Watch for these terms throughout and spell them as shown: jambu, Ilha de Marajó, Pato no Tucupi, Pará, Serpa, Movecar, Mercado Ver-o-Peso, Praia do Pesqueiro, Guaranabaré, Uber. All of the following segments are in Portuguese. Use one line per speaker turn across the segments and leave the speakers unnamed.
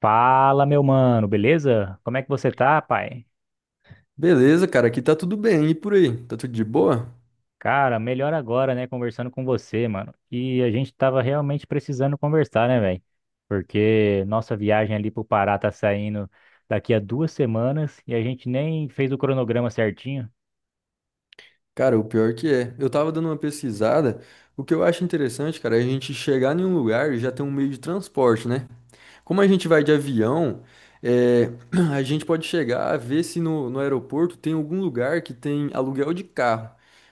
Fala, meu mano, beleza? Como é que você tá, pai?
Beleza, cara, aqui tá tudo bem. E por aí? Tá tudo de boa?
Cara, melhor agora, né, conversando com você, mano. E a gente tava realmente precisando conversar, né, velho? Porque nossa viagem ali pro Pará tá saindo daqui a 2 semanas e a gente nem fez o cronograma certinho.
Cara, o pior que é. Eu tava dando uma pesquisada. O que eu acho interessante, cara, é a gente chegar em um lugar e já ter um meio de transporte, né? Como a gente vai de avião, é, a gente pode chegar a ver se no aeroporto tem algum lugar que tem aluguel de carro.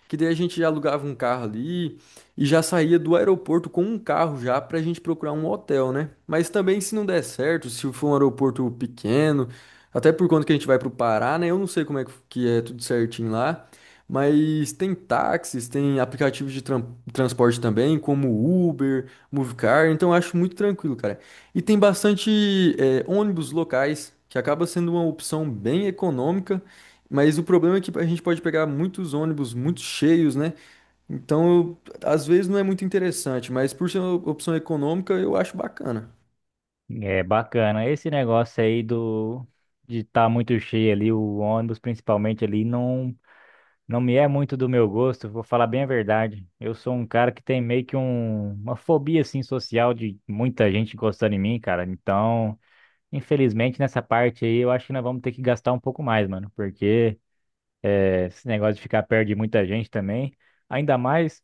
Que daí a gente já alugava um carro ali e já saía do aeroporto com um carro já pra gente procurar um hotel, né? Mas também se não der certo, se for um aeroporto pequeno, até por conta que a gente vai pro Pará, né? Eu não sei como é que é tudo certinho lá. Mas tem táxis, tem aplicativos de transporte também, como Uber, Movecar, então eu acho muito tranquilo, cara. E tem bastante ônibus locais, que acaba sendo uma opção bem econômica, mas o problema é que a gente pode pegar muitos ônibus muito cheios, né? Então, às vezes não é muito interessante, mas por ser uma opção econômica, eu acho bacana.
É bacana. Esse negócio aí do de estar muito cheio ali, o ônibus principalmente ali, não. Não me é muito do meu gosto, vou falar bem a verdade. Eu sou um cara que tem meio que uma fobia assim social de muita gente gostando de mim, cara. Então, infelizmente nessa parte aí, eu acho que nós vamos ter que gastar um pouco mais, mano, porque esse negócio de ficar perto de muita gente também, ainda mais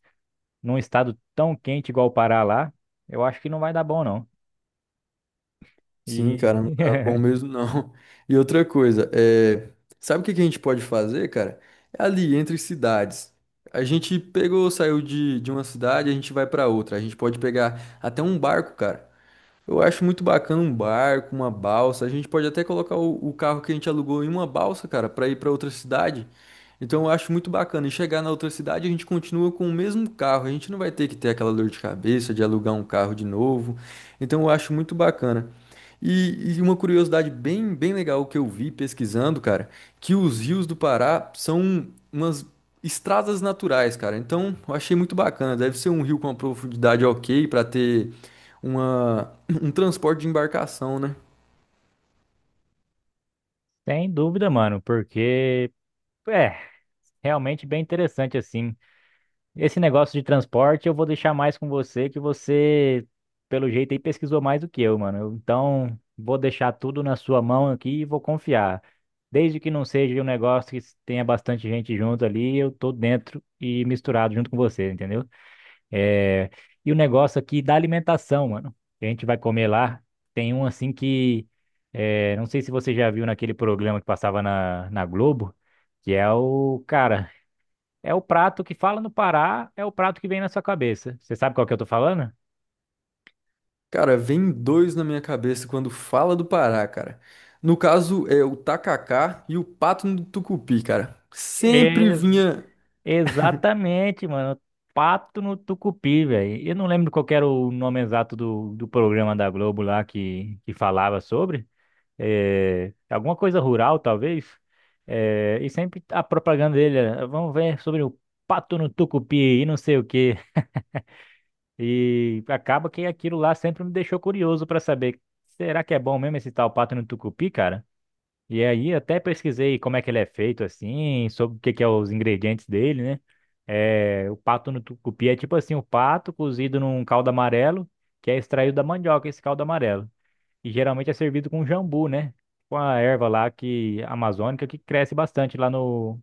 num estado tão quente igual o Pará lá, eu acho que não vai dar bom não.
Sim,
E
cara, não tá bom mesmo não. E outra coisa, sabe o que que a gente pode fazer, cara? É ali entre cidades. A gente pegou, saiu de uma cidade, a gente vai pra outra. A gente pode pegar até um barco, cara. Eu acho muito bacana um barco, uma balsa. A gente pode até colocar o carro que a gente alugou em uma balsa, cara, pra ir pra outra cidade. Então eu acho muito bacana. E chegar na outra cidade, a gente continua com o mesmo carro. A gente não vai ter que ter aquela dor de cabeça de alugar um carro de novo. Então eu acho muito bacana. E, uma curiosidade bem, bem legal que eu vi pesquisando, cara, que os rios do Pará são umas estradas naturais, cara. Então eu achei muito bacana. Deve ser um rio com uma profundidade ok para ter uma, um transporte de embarcação, né?
sem dúvida, mano, porque é realmente bem interessante assim. Esse negócio de transporte eu vou deixar mais com você, que você, pelo jeito aí, pesquisou mais do que eu, mano. Então, vou deixar tudo na sua mão aqui e vou confiar. Desde que não seja um negócio que tenha bastante gente junto ali, eu tô dentro e misturado junto com você, entendeu? É... E o negócio aqui da alimentação, mano, que a gente vai comer lá. Tem um assim que. Não sei se você já viu naquele programa que passava na Globo, que é o cara. É o prato que fala no Pará, é o prato que vem na sua cabeça. Você sabe qual que eu tô falando?
Cara, vem dois na minha cabeça quando fala do Pará, cara. No caso, é o tacacá e o pato no tucupi, cara. Sempre
Ex-
vinha.
exatamente, mano. Pato no Tucupi, velho. Eu não lembro qual que era o nome exato do programa da Globo lá que falava sobre. É, alguma coisa rural, talvez. É, e sempre a propaganda dele era, vamos ver sobre o pato no Tucupi e não sei o quê. E acaba que aquilo lá sempre me deixou curioso pra saber, será que é bom mesmo esse tal pato no Tucupi, cara? E aí até pesquisei como é que ele é feito assim, sobre o que que é os ingredientes dele, né? É, o pato no tucupi é tipo assim, o pato cozido num caldo amarelo, que é extraído da mandioca, esse caldo amarelo. E geralmente é servido com jambu, né? Com a erva lá que amazônica que cresce bastante lá no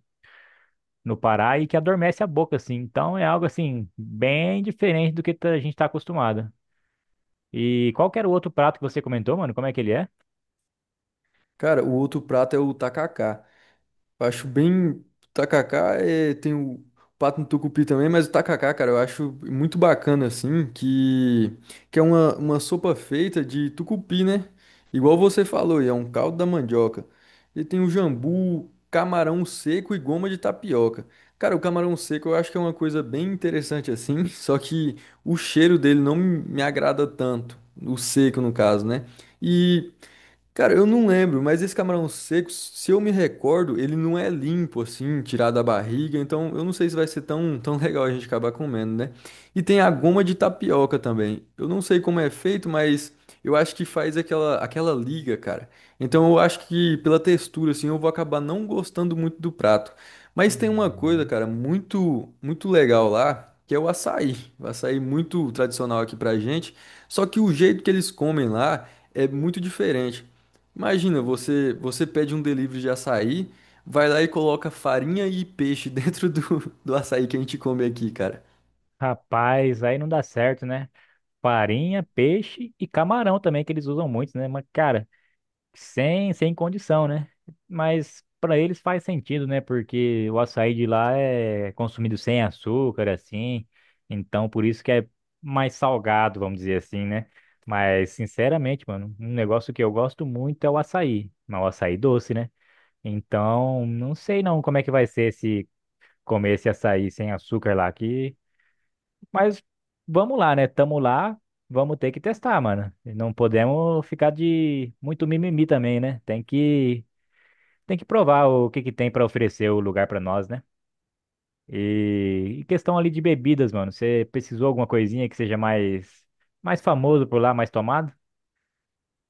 no Pará e que adormece a boca assim. Então é algo assim bem diferente do que tá, a gente está acostumado. E qual que era o outro prato que você comentou, mano? Como é que ele é?
Cara, o outro prato é o tacacá. Acho bem. Tacacá tem o pato no tucupi também, mas o tacacá, cara, eu acho muito bacana, assim, que é uma sopa feita de tucupi, né? Igual você falou, e é um caldo da mandioca. E tem o jambu, camarão seco e goma de tapioca. Cara, o camarão seco eu acho que é uma coisa bem interessante, assim, só que o cheiro dele não me agrada tanto. O seco, no caso, né? E. Cara, eu não lembro, mas esse camarão seco, se eu me recordo, ele não é limpo assim, tirado da barriga, então eu não sei se vai ser tão, tão legal a gente acabar comendo, né? E tem a goma de tapioca também. Eu não sei como é feito, mas eu acho que faz aquela liga, cara. Então eu acho que pela textura assim, eu vou acabar não gostando muito do prato. Mas tem uma coisa,
Hum.
cara, muito muito legal lá, que é o açaí. O açaí muito tradicional aqui pra gente, só que o jeito que eles comem lá é muito diferente. Imagina, você pede um delivery de açaí, vai lá e coloca farinha e peixe dentro do açaí que a gente come aqui, cara.
Rapaz, aí não dá certo, né? Farinha, peixe e camarão também, que eles usam muito, né? Mas, cara, sem condição, né? Mas para eles faz sentido, né? Porque o açaí de lá é consumido sem açúcar, assim. Então, por isso que é mais salgado, vamos dizer assim, né? Mas, sinceramente, mano, um negócio que eu gosto muito é o açaí. Mas o açaí doce, né? Então, não sei não como é que vai ser se comer esse açaí sem açúcar lá, que mas vamos lá, né? Tamo lá, vamos ter que testar, mano. E não podemos ficar de muito mimimi também, né? Tem que provar o que que tem pra oferecer o lugar pra nós, né? E questão ali de bebidas, mano. Você precisou alguma coisinha que seja mais famoso por lá, mais tomado?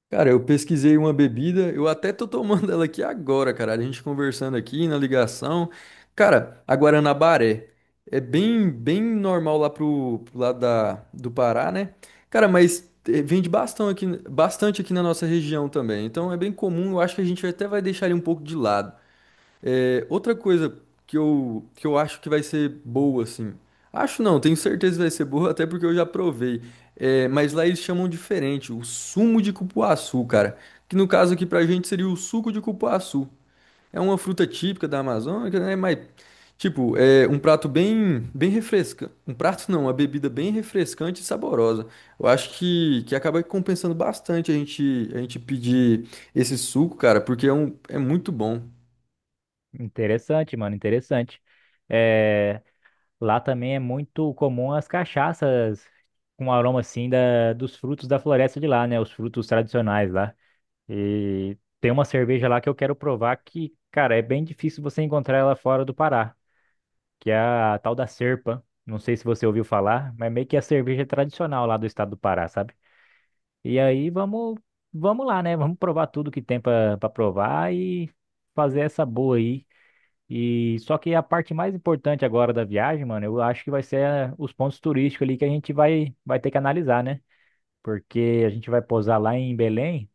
Cara, eu pesquisei uma bebida, eu até tô tomando ela aqui agora, cara. A gente conversando aqui na ligação. Cara, a Guaranabaré é bem, bem normal lá pro lado do Pará, né? Cara, mas vende bastante aqui na nossa região também. Então é bem comum, eu acho que a gente até vai deixar ele um pouco de lado. É, outra coisa que eu acho que vai ser boa, assim. Acho não, tenho certeza que vai ser boa, até porque eu já provei. É, mas lá eles chamam diferente, o sumo de cupuaçu, cara. Que no caso aqui pra gente seria o suco de cupuaçu. É uma fruta típica da Amazônia, né? Mas, tipo, é um prato bem, bem refrescante. Um prato não, uma bebida bem refrescante e saborosa. Eu acho que acaba compensando bastante a gente pedir esse suco, cara, porque é muito bom.
Interessante, mano, interessante. É, lá também é muito comum as cachaças com aroma assim da, dos frutos da floresta de lá, né? Os frutos tradicionais lá. E tem uma cerveja lá que eu quero provar que, cara, é bem difícil você encontrar ela fora do Pará, que é a tal da Serpa. Não sei se você ouviu falar, mas meio que é a cerveja tradicional lá do estado do Pará, sabe? E aí vamos lá, né? Vamos provar tudo que tem pra provar e fazer essa boa aí. E só que a parte mais importante agora da viagem, mano, eu acho que vai ser os pontos turísticos ali que a gente vai ter que analisar, né? Porque a gente vai pousar lá em Belém.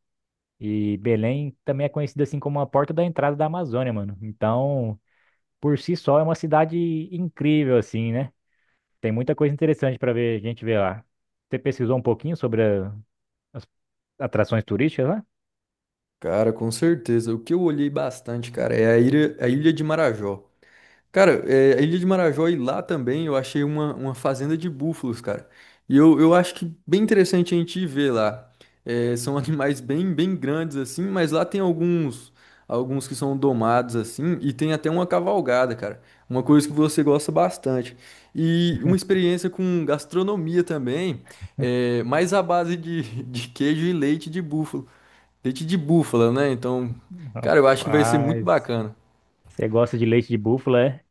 E Belém também é conhecida assim como a porta da entrada da Amazônia, mano. Então, por si só, é uma cidade incrível, assim, né? Tem muita coisa interessante para ver, a gente ver lá. Você pesquisou um pouquinho sobre as atrações turísticas lá?
Cara, com certeza. O que eu olhei bastante, cara, é a a Ilha de Marajó. Cara, a Ilha de Marajó e lá também eu achei uma fazenda de búfalos, cara. E eu acho que bem interessante a gente ir ver lá. É, são animais bem, bem grandes assim, mas lá tem alguns que são domados assim e tem até uma cavalgada, cara. Uma coisa que você gosta bastante. E uma experiência com gastronomia também, mais à base de queijo e leite de búfalo. Leite de búfala, né? Então, cara, eu acho que vai ser muito
Rapaz,
bacana.
você gosta de leite de búfala, é?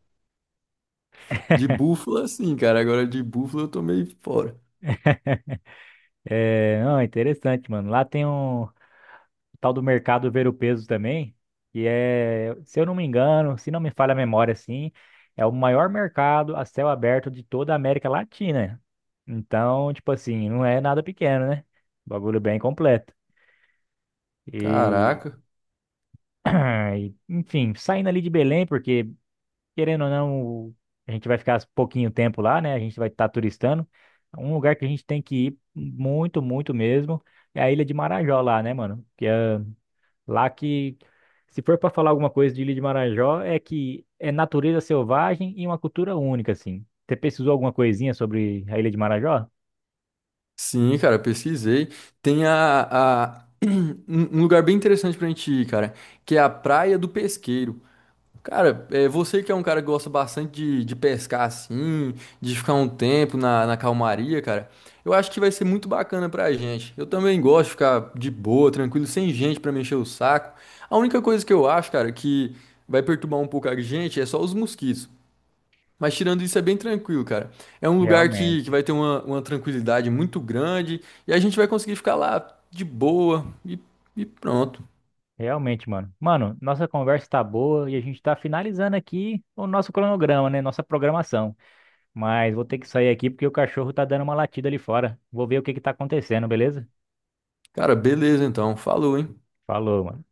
De búfala, sim, cara. Agora de búfala eu tô meio fora.
É, não, é interessante, mano. Lá tem um, tal do mercado ver o peso também, que é, se eu não me engano, se não me falha a memória assim, é o maior mercado a céu aberto de toda a América Latina. Então, tipo assim, não é nada pequeno, né? Bagulho bem completo. E,
Caraca.
ah, e, enfim, saindo ali de Belém, porque querendo ou não, a gente vai ficar pouquinho tempo lá, né? A gente vai estar turistando. Um lugar que a gente tem que ir muito, muito mesmo é a Ilha de Marajó lá, né, mano? Que é lá que, se for para falar alguma coisa de Ilha de Marajó, é que é natureza selvagem e uma cultura única, assim. Você pesquisou alguma coisinha sobre a Ilha de Marajó?
Sim, cara, pesquisei. Tem a- um lugar bem interessante pra gente ir, cara, que é a Praia do Pesqueiro. Cara, é, você que é um cara que gosta bastante de pescar assim, de ficar um tempo na calmaria, cara, eu acho que vai ser muito bacana pra gente. Eu também gosto de ficar de boa, tranquilo, sem gente pra mexer o saco. A única coisa que eu acho, cara, que vai perturbar um pouco a gente é só os mosquitos. Mas tirando isso, é bem tranquilo, cara. É um lugar que
Realmente.
vai ter uma tranquilidade muito grande e a gente vai conseguir ficar lá de boa e pronto.
Realmente, mano. Mano, nossa conversa tá boa e a gente tá finalizando aqui o nosso cronograma, né? Nossa programação. Mas vou ter que sair aqui porque o cachorro tá dando uma latida ali fora. Vou ver o que que tá acontecendo, beleza?
Cara, beleza então. Falou, hein?
Falou, mano.